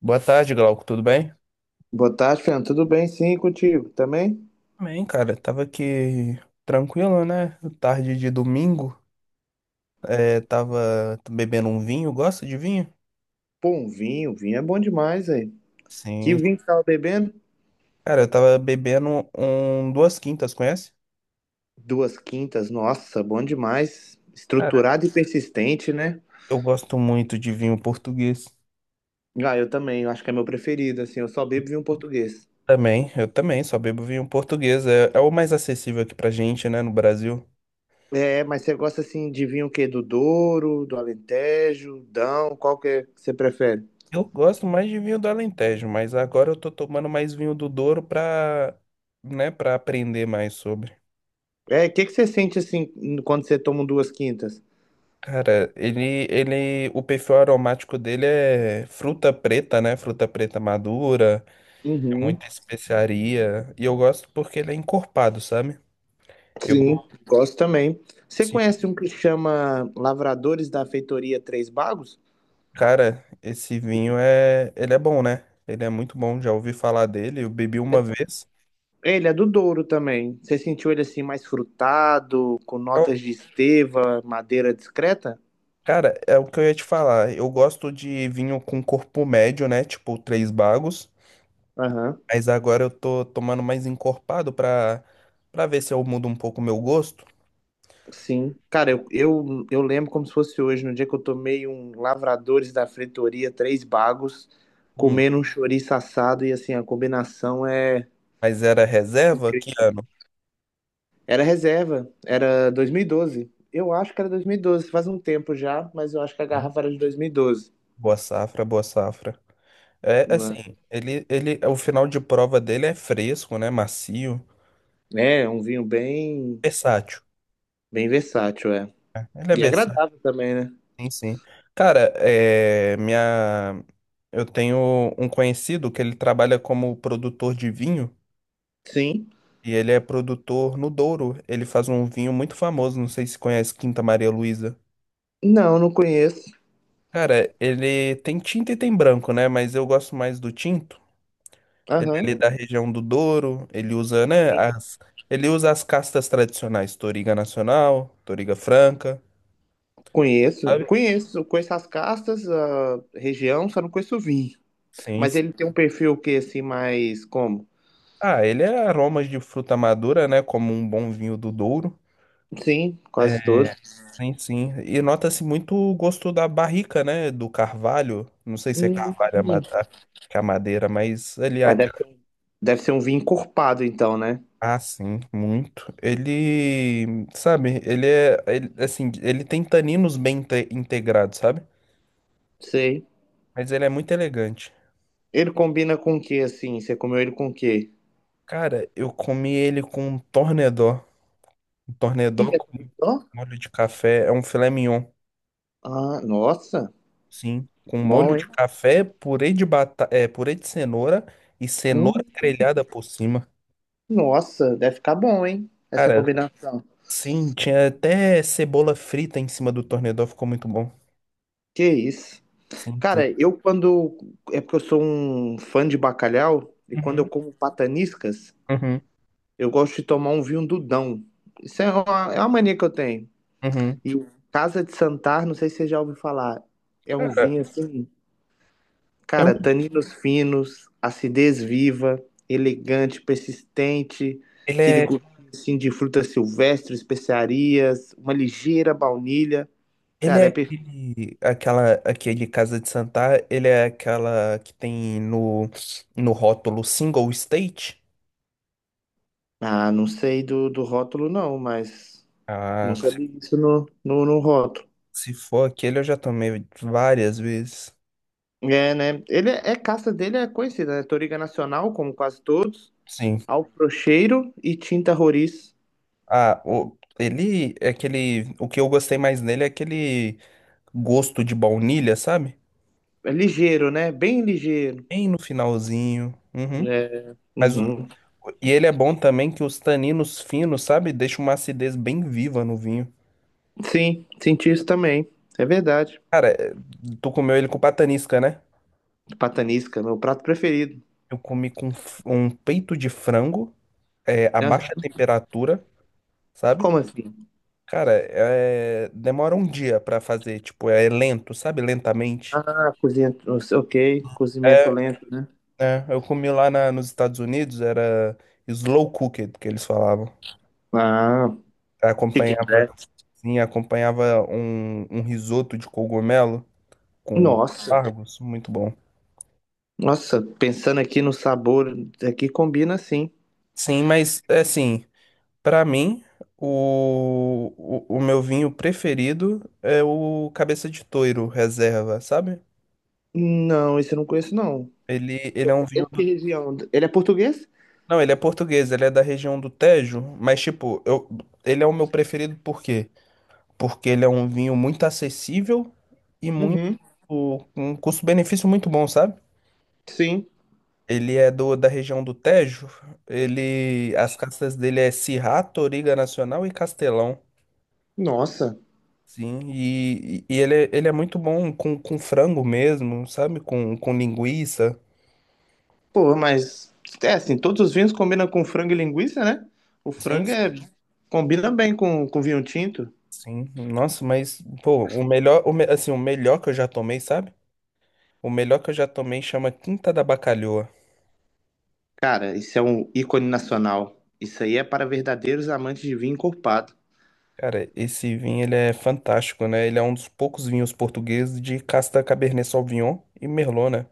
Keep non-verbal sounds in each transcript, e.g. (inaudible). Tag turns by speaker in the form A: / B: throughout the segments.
A: Boa tarde, Glauco, tudo bem?
B: Boa tarde, Fernando. Tudo bem? Sim, e contigo também?
A: Bem, cara, tava aqui tranquilo, né? Tarde de domingo, tava bebendo um vinho, gosta de vinho?
B: Pô, um vinho, vinho é bom demais, aí. Que
A: Sim.
B: vinho que tava bebendo?
A: Cara, eu tava bebendo um Duas Quintas, conhece?
B: Duas quintas, nossa, bom demais.
A: Cara,
B: Estruturado e persistente, né?
A: eu gosto muito de vinho português.
B: Ah, eu também, eu acho que é meu preferido, assim, eu só bebo vinho português.
A: Também, eu também, só bebo vinho português, é, é o mais acessível aqui pra gente, né, no Brasil.
B: É, mas você gosta, assim, de vinho o quê? Do Douro, do Alentejo, Dão, qual que é que você prefere?
A: Eu gosto mais de vinho do Alentejo, mas agora eu tô tomando mais vinho do Douro pra, né, pra aprender mais sobre.
B: É, o que que você sente, assim, quando você toma um duas quintas?
A: Cara, ele, o perfil aromático dele é fruta preta, né? Fruta preta madura, é
B: Uhum.
A: muita especiaria. E eu gosto porque ele é encorpado, sabe? Eu,
B: Sim, gosto também. Você
A: assim,
B: conhece um que chama Lavradores da Feitoria Três Bagos?
A: cara, esse vinho é, ele é bom, né? Ele é muito bom, já ouvi falar dele, eu bebi uma vez.
B: Ele é do Douro também. Você sentiu ele assim mais frutado, com
A: Eu-
B: notas de esteva, madeira discreta?
A: Cara, é o que eu ia te falar. Eu gosto de vinho com corpo médio, né? Tipo, três bagos.
B: Aham,
A: Mas agora eu tô tomando mais encorpado pra ver se eu mudo um pouco o meu gosto.
B: sim. Cara, eu lembro como se fosse hoje, no dia que eu tomei um Lavradores da Fretoria, três bagos,
A: Hum.
B: comendo um chouriço assado e assim, a combinação é...
A: Mas era reserva? Que ano?
B: Era reserva, era 2012. Eu acho que era 2012. Faz um tempo já, mas eu acho que a
A: Hum,
B: garrafa era de 2012.
A: Boa safra, boa safra. É
B: Né?
A: assim, ele, o final de prova dele é fresco, né? Macio,
B: É, um vinho bem,
A: versátil.
B: bem versátil, é.
A: Ele é
B: E
A: versátil,
B: agradável também, né?
A: sim, sim. Cara, é, minha, eu tenho um conhecido que ele trabalha como produtor de vinho
B: Sim.
A: e ele é produtor no Douro. Ele faz um vinho muito famoso, não sei se conhece Quinta Maria Luísa.
B: Não, não conheço.
A: Cara, ele tem tinta e tem branco, né? Mas eu gosto mais do tinto. Ele é ali
B: Aham.
A: da região do Douro, ele usa, né, as, ele usa as castas tradicionais, Toriga Nacional, Toriga Franca,
B: Conheço.
A: sabe?
B: Conheço. Conheço as castas, a região, só não conheço o vinho.
A: Sim,
B: Mas
A: sim.
B: ele tem um perfil que assim, mais como?
A: Ah, ele é aromas de fruta madura, né, como um bom vinho do Douro.
B: Sim,
A: É,
B: quase todos.
A: sim, sim. E nota-se muito o gosto da barrica, né, do carvalho. Não sei se é
B: Hum.
A: carvalho que é a madeira, mas ele é...
B: É, deve ser um vinho encorpado, então, né?
A: Ah, sim, muito. Ele, sabe, ele é, ele, assim, ele tem taninos bem integrados, sabe?
B: Sei.
A: Mas ele é muito elegante.
B: Ele combina com o que, assim? Você comeu ele com o quê?
A: Cara, eu comi ele com um tornedó. Um tornedó
B: Que é
A: com
B: Torresó?
A: molho de café. É um filé mignon,
B: Ah, nossa.
A: sim. Com molho
B: Bom,
A: de
B: hein?
A: café, é, purê de cenoura e
B: Hum,
A: cenoura grelhada por cima.
B: nossa, deve ficar bom, hein? Essa
A: Cara,
B: combinação.
A: sim, tinha até cebola frita em cima do tornedó, ficou muito bom.
B: Que isso.
A: Sim, sim.
B: Cara, eu quando. É porque eu sou um fã de bacalhau, e quando eu
A: Uhum,
B: como pataniscas,
A: uhum,
B: eu gosto de tomar um vinho Dudão. Isso é uma mania que eu tenho.
A: uhum.
B: E o Casa de Santar, não sei se você já ouviu falar, é um
A: Cara,
B: vinho assim,
A: é um...
B: cara, taninos finos, acidez viva, elegante, persistente,
A: ele
B: aquele
A: é,
B: gostinho assim, de fruta silvestre, especiarias, uma ligeira baunilha.
A: ele
B: Cara,
A: é
B: é perfeito.
A: aquele, aquela, aquele Casa de Santar, ele é aquela que tem no, no rótulo single state.
B: Ah, não sei do, do rótulo não, mas.
A: Ah,
B: Nunca li isso no rótulo.
A: se for aquele, eu já tomei várias vezes.
B: É, né? Ele é, é casta dele é conhecida, né? Toriga Nacional, como quase todos.
A: Sim.
B: Alfrocheiro e Tinta Roriz.
A: Ah, o, ele é aquele. O que eu gostei mais nele é aquele gosto de baunilha, sabe?
B: É ligeiro, né? Bem ligeiro.
A: Bem no finalzinho. Uhum.
B: É.
A: Mas,
B: Uhum.
A: e ele é bom também que os taninos finos, sabe? Deixa uma acidez bem viva no vinho.
B: Sim, senti isso também. É verdade.
A: Cara, é, tu comeu ele com patanisca, né?
B: Patanisca, meu prato preferido.
A: Eu comi com um peito de frango, é, a
B: Ah,
A: baixa temperatura, sabe?
B: como assim?
A: Cara, demora um dia pra fazer, tipo, é lento, sabe? Lentamente.
B: Ah, cozinha. Ok, cozimento
A: É,
B: lento, né?
A: é, eu comi nos Estados Unidos, era slow cooked que eles falavam.
B: Ah, chicken
A: Acompanhava,
B: breast.
A: sim, acompanhava um risoto de cogumelo com
B: Nossa,
A: aspargos, muito bom.
B: nossa, pensando aqui no sabor, aqui combina sim.
A: Sim, mas é assim, pra mim, o, o meu vinho preferido é o Cabeça de Touro Reserva, sabe?
B: Não, esse eu não conheço, não.
A: Ele é um
B: É
A: vinho
B: de que região? Ele é português?
A: não, ele é português, ele é da região do Tejo, mas tipo, eu, ele é o meu preferido por quê? Porque ele é um vinho muito acessível e muito,
B: Uhum.
A: um custo-benefício muito bom, sabe?
B: Sim.
A: Ele é da região do Tejo, ele, as castas dele é Syrah, Toriga Nacional e Castelão,
B: Nossa.
A: sim, e ele, ele é muito bom com frango mesmo, sabe? Com linguiça,
B: Pô, mas. É assim, todos os vinhos combinam com frango e linguiça, né? O
A: sim,
B: frango é, combina bem com vinho tinto.
A: sim, nossa, mas, pô, o melhor, assim, o melhor que eu já tomei, sabe? O melhor que eu já tomei chama Quinta da Bacalhoa.
B: Cara, isso é um ícone nacional. Isso aí é para verdadeiros amantes de vinho encorpado.
A: Cara, esse vinho ele é fantástico, né? Ele é um dos poucos vinhos portugueses de casta Cabernet Sauvignon e Merlot, né?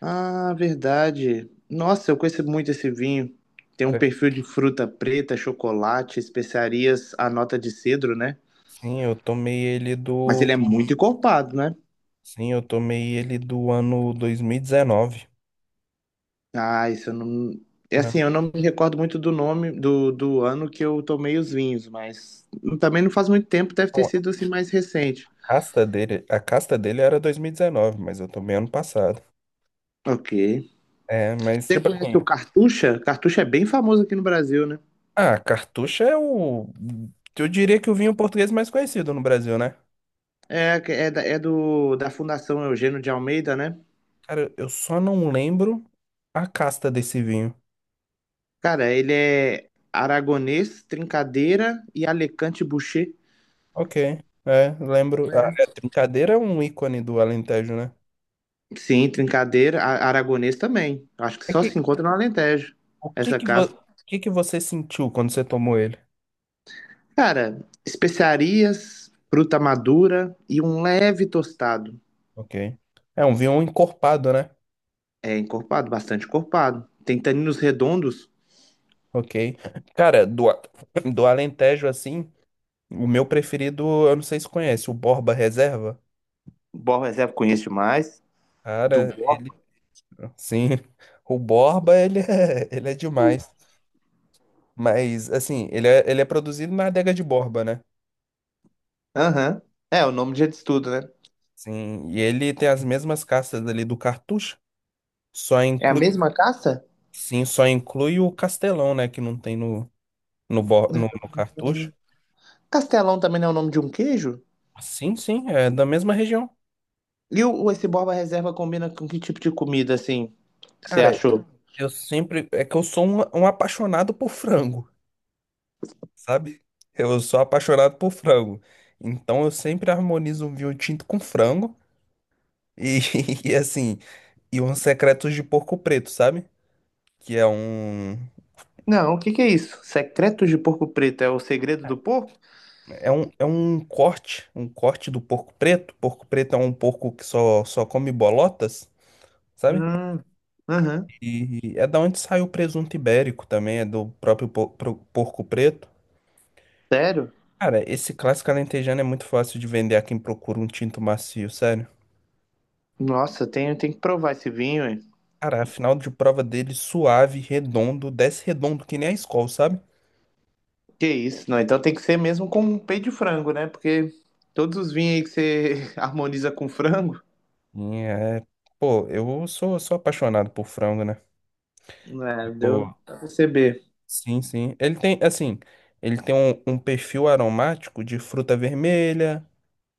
B: Ah, verdade. Nossa, eu conheço muito esse vinho. Tem um
A: Cara,
B: perfil de fruta preta, chocolate, especiarias, a nota de cedro, né?
A: sim, eu tomei ele
B: Mas
A: do,
B: ele é muito encorpado, né?
A: sim, eu tomei ele do ano dois mil e
B: Ah, isso eu não. É assim,
A: não,
B: eu não me recordo muito do nome do, do ano que eu tomei os vinhos, mas também não faz muito tempo, deve
A: não,
B: ter sido assim mais recente.
A: a casta dele era 2019, mas eu tomei ano passado.
B: Ok.
A: É, mas
B: Você
A: tipo
B: conhece o
A: assim,
B: Cartucha? Cartucha é bem famoso aqui no Brasil, né?
A: ah, Cartucho é o, eu diria que o vinho português mais conhecido no Brasil, né?
B: É, é, da- é do, da Fundação Eugênio de Almeida, né?
A: Cara, eu só não lembro a casta desse vinho.
B: Cara, ele é aragonês, trincadeira e Alicante Boucher.
A: Ok, é, lembro. A é,
B: É.
A: Trincadeira é um ícone do Alentejo, né?
B: Sim, trincadeira, a- aragonês também. Acho que
A: É
B: só
A: que,
B: se encontra no Alentejo, essa casca.
A: o que que você sentiu quando você tomou ele?
B: Cara, especiarias, fruta madura e um leve tostado.
A: Ok. É um vinho encorpado, né?
B: É encorpado, bastante encorpado. Tem taninos redondos.
A: Ok. Cara, do Alentejo, assim, o meu preferido, eu não sei se conhece, o Borba Reserva.
B: Borra reserva conheço demais. Do
A: Cara,
B: Borra.
A: ele. Sim, (laughs) o Borba, ele é, (laughs) ele é demais. Mas, assim, ele é produzido na adega de Borba, né?
B: Aham. É, o nome de estudo, né?
A: Sim, e ele tem as mesmas castas ali do Cartucho, só
B: É a
A: inclui,
B: mesma caça?
A: sim, só inclui o Castelão, né, que não tem no, no Cartucho.
B: Castelão também não é o nome de um queijo?
A: Sim, sim, é da mesma região.
B: E o- esse Borba Reserva combina com que tipo de comida, assim, você
A: Cara,
B: achou?
A: eu sempre, é que eu sou um apaixonado por frango, sabe? Eu sou apaixonado por frango. Então eu sempre harmonizo um vinho tinto com frango e, (laughs) e assim, e uns secretos de porco preto, sabe? Que é um.
B: Não, o que que é isso? Secretos de Porco Preto é o segredo do porco?
A: É um, é um corte, um corte do porco preto. Porco preto é um porco que só come bolotas, sabe?
B: Hum, aham.
A: E é da onde sai o presunto ibérico também, é do próprio porco preto.
B: Sério?
A: Cara, esse clássico alentejano é muito fácil de vender a quem procura um tinto macio, sério.
B: Nossa, tenho, tenho que provar esse vinho, hein?
A: Cara, a final de prova dele suave, redondo, desce redondo que nem a Skol, sabe?
B: Que isso, não. Então tem que ser mesmo com peito de frango, né? Porque todos os vinhos aí que você (laughs) harmoniza com frango,
A: E é, pô, eu sou, sou apaixonado por frango, né?
B: né? Deu pra perceber.
A: Sim, sim. Ele tem, assim, ele tem um, um perfil aromático de fruta vermelha,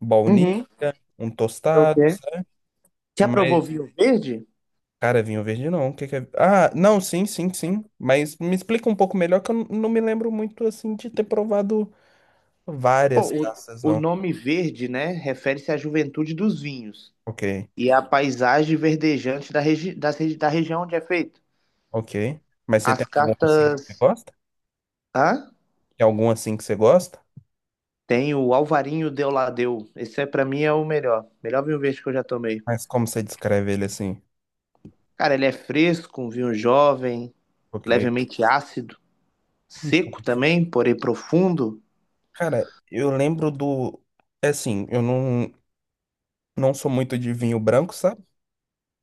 A: baunilha,
B: Uhum.
A: um
B: Ok.
A: tostado, sabe?
B: Você aprovou
A: Mas,
B: vinho verde?
A: cara, vinho verde não. O que que é? Ah, não, sim, sim, sim. Mas me explica um pouco melhor que eu não me lembro muito, assim, de ter provado
B: Pô,
A: várias caças,
B: o
A: não.
B: nome verde, né? Refere-se à juventude dos vinhos
A: Ok,
B: e à paisagem verdejante da, regi das regi- da região onde é feito.
A: ok. Mas você
B: As
A: tem algum, assim, que você
B: cartas.
A: gosta?
B: Hã?
A: Tem algum, assim, que você gosta?
B: Tem o Alvarinho de Oladeu. Esse é, pra mim é o melhor. Melhor vinho verde que eu já tomei.
A: Mas como você descreve ele, assim?
B: Cara, ele é fresco, um vinho jovem,
A: Ok.
B: levemente ácido.
A: Então,
B: Seco também, porém profundo.
A: cara, eu lembro do... É assim, eu não. Não sou muito de vinho branco, sabe?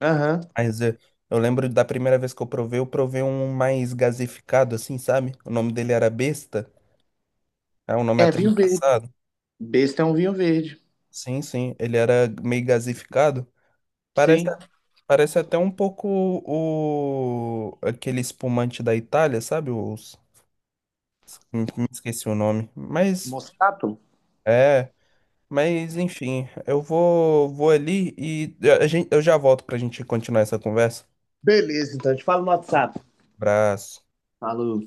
B: Aham.
A: Mas eu lembro da primeira vez que eu provei um mais gasificado, assim, sabe? O nome dele era Besta. É um nome
B: É
A: até
B: vinho verde.
A: engraçado.
B: Besta é um vinho verde.
A: Sim, sim. Ele era meio gasificado. Parece,
B: Sim.
A: parece até um pouco o aquele espumante da Itália, sabe? Os, me esqueci o nome. Mas
B: Moscato?
A: é. Mas enfim, eu vou, vou ali e eu já volto pra gente continuar essa conversa.
B: Beleza, então. Te falo no WhatsApp.
A: Abraço.
B: Falou.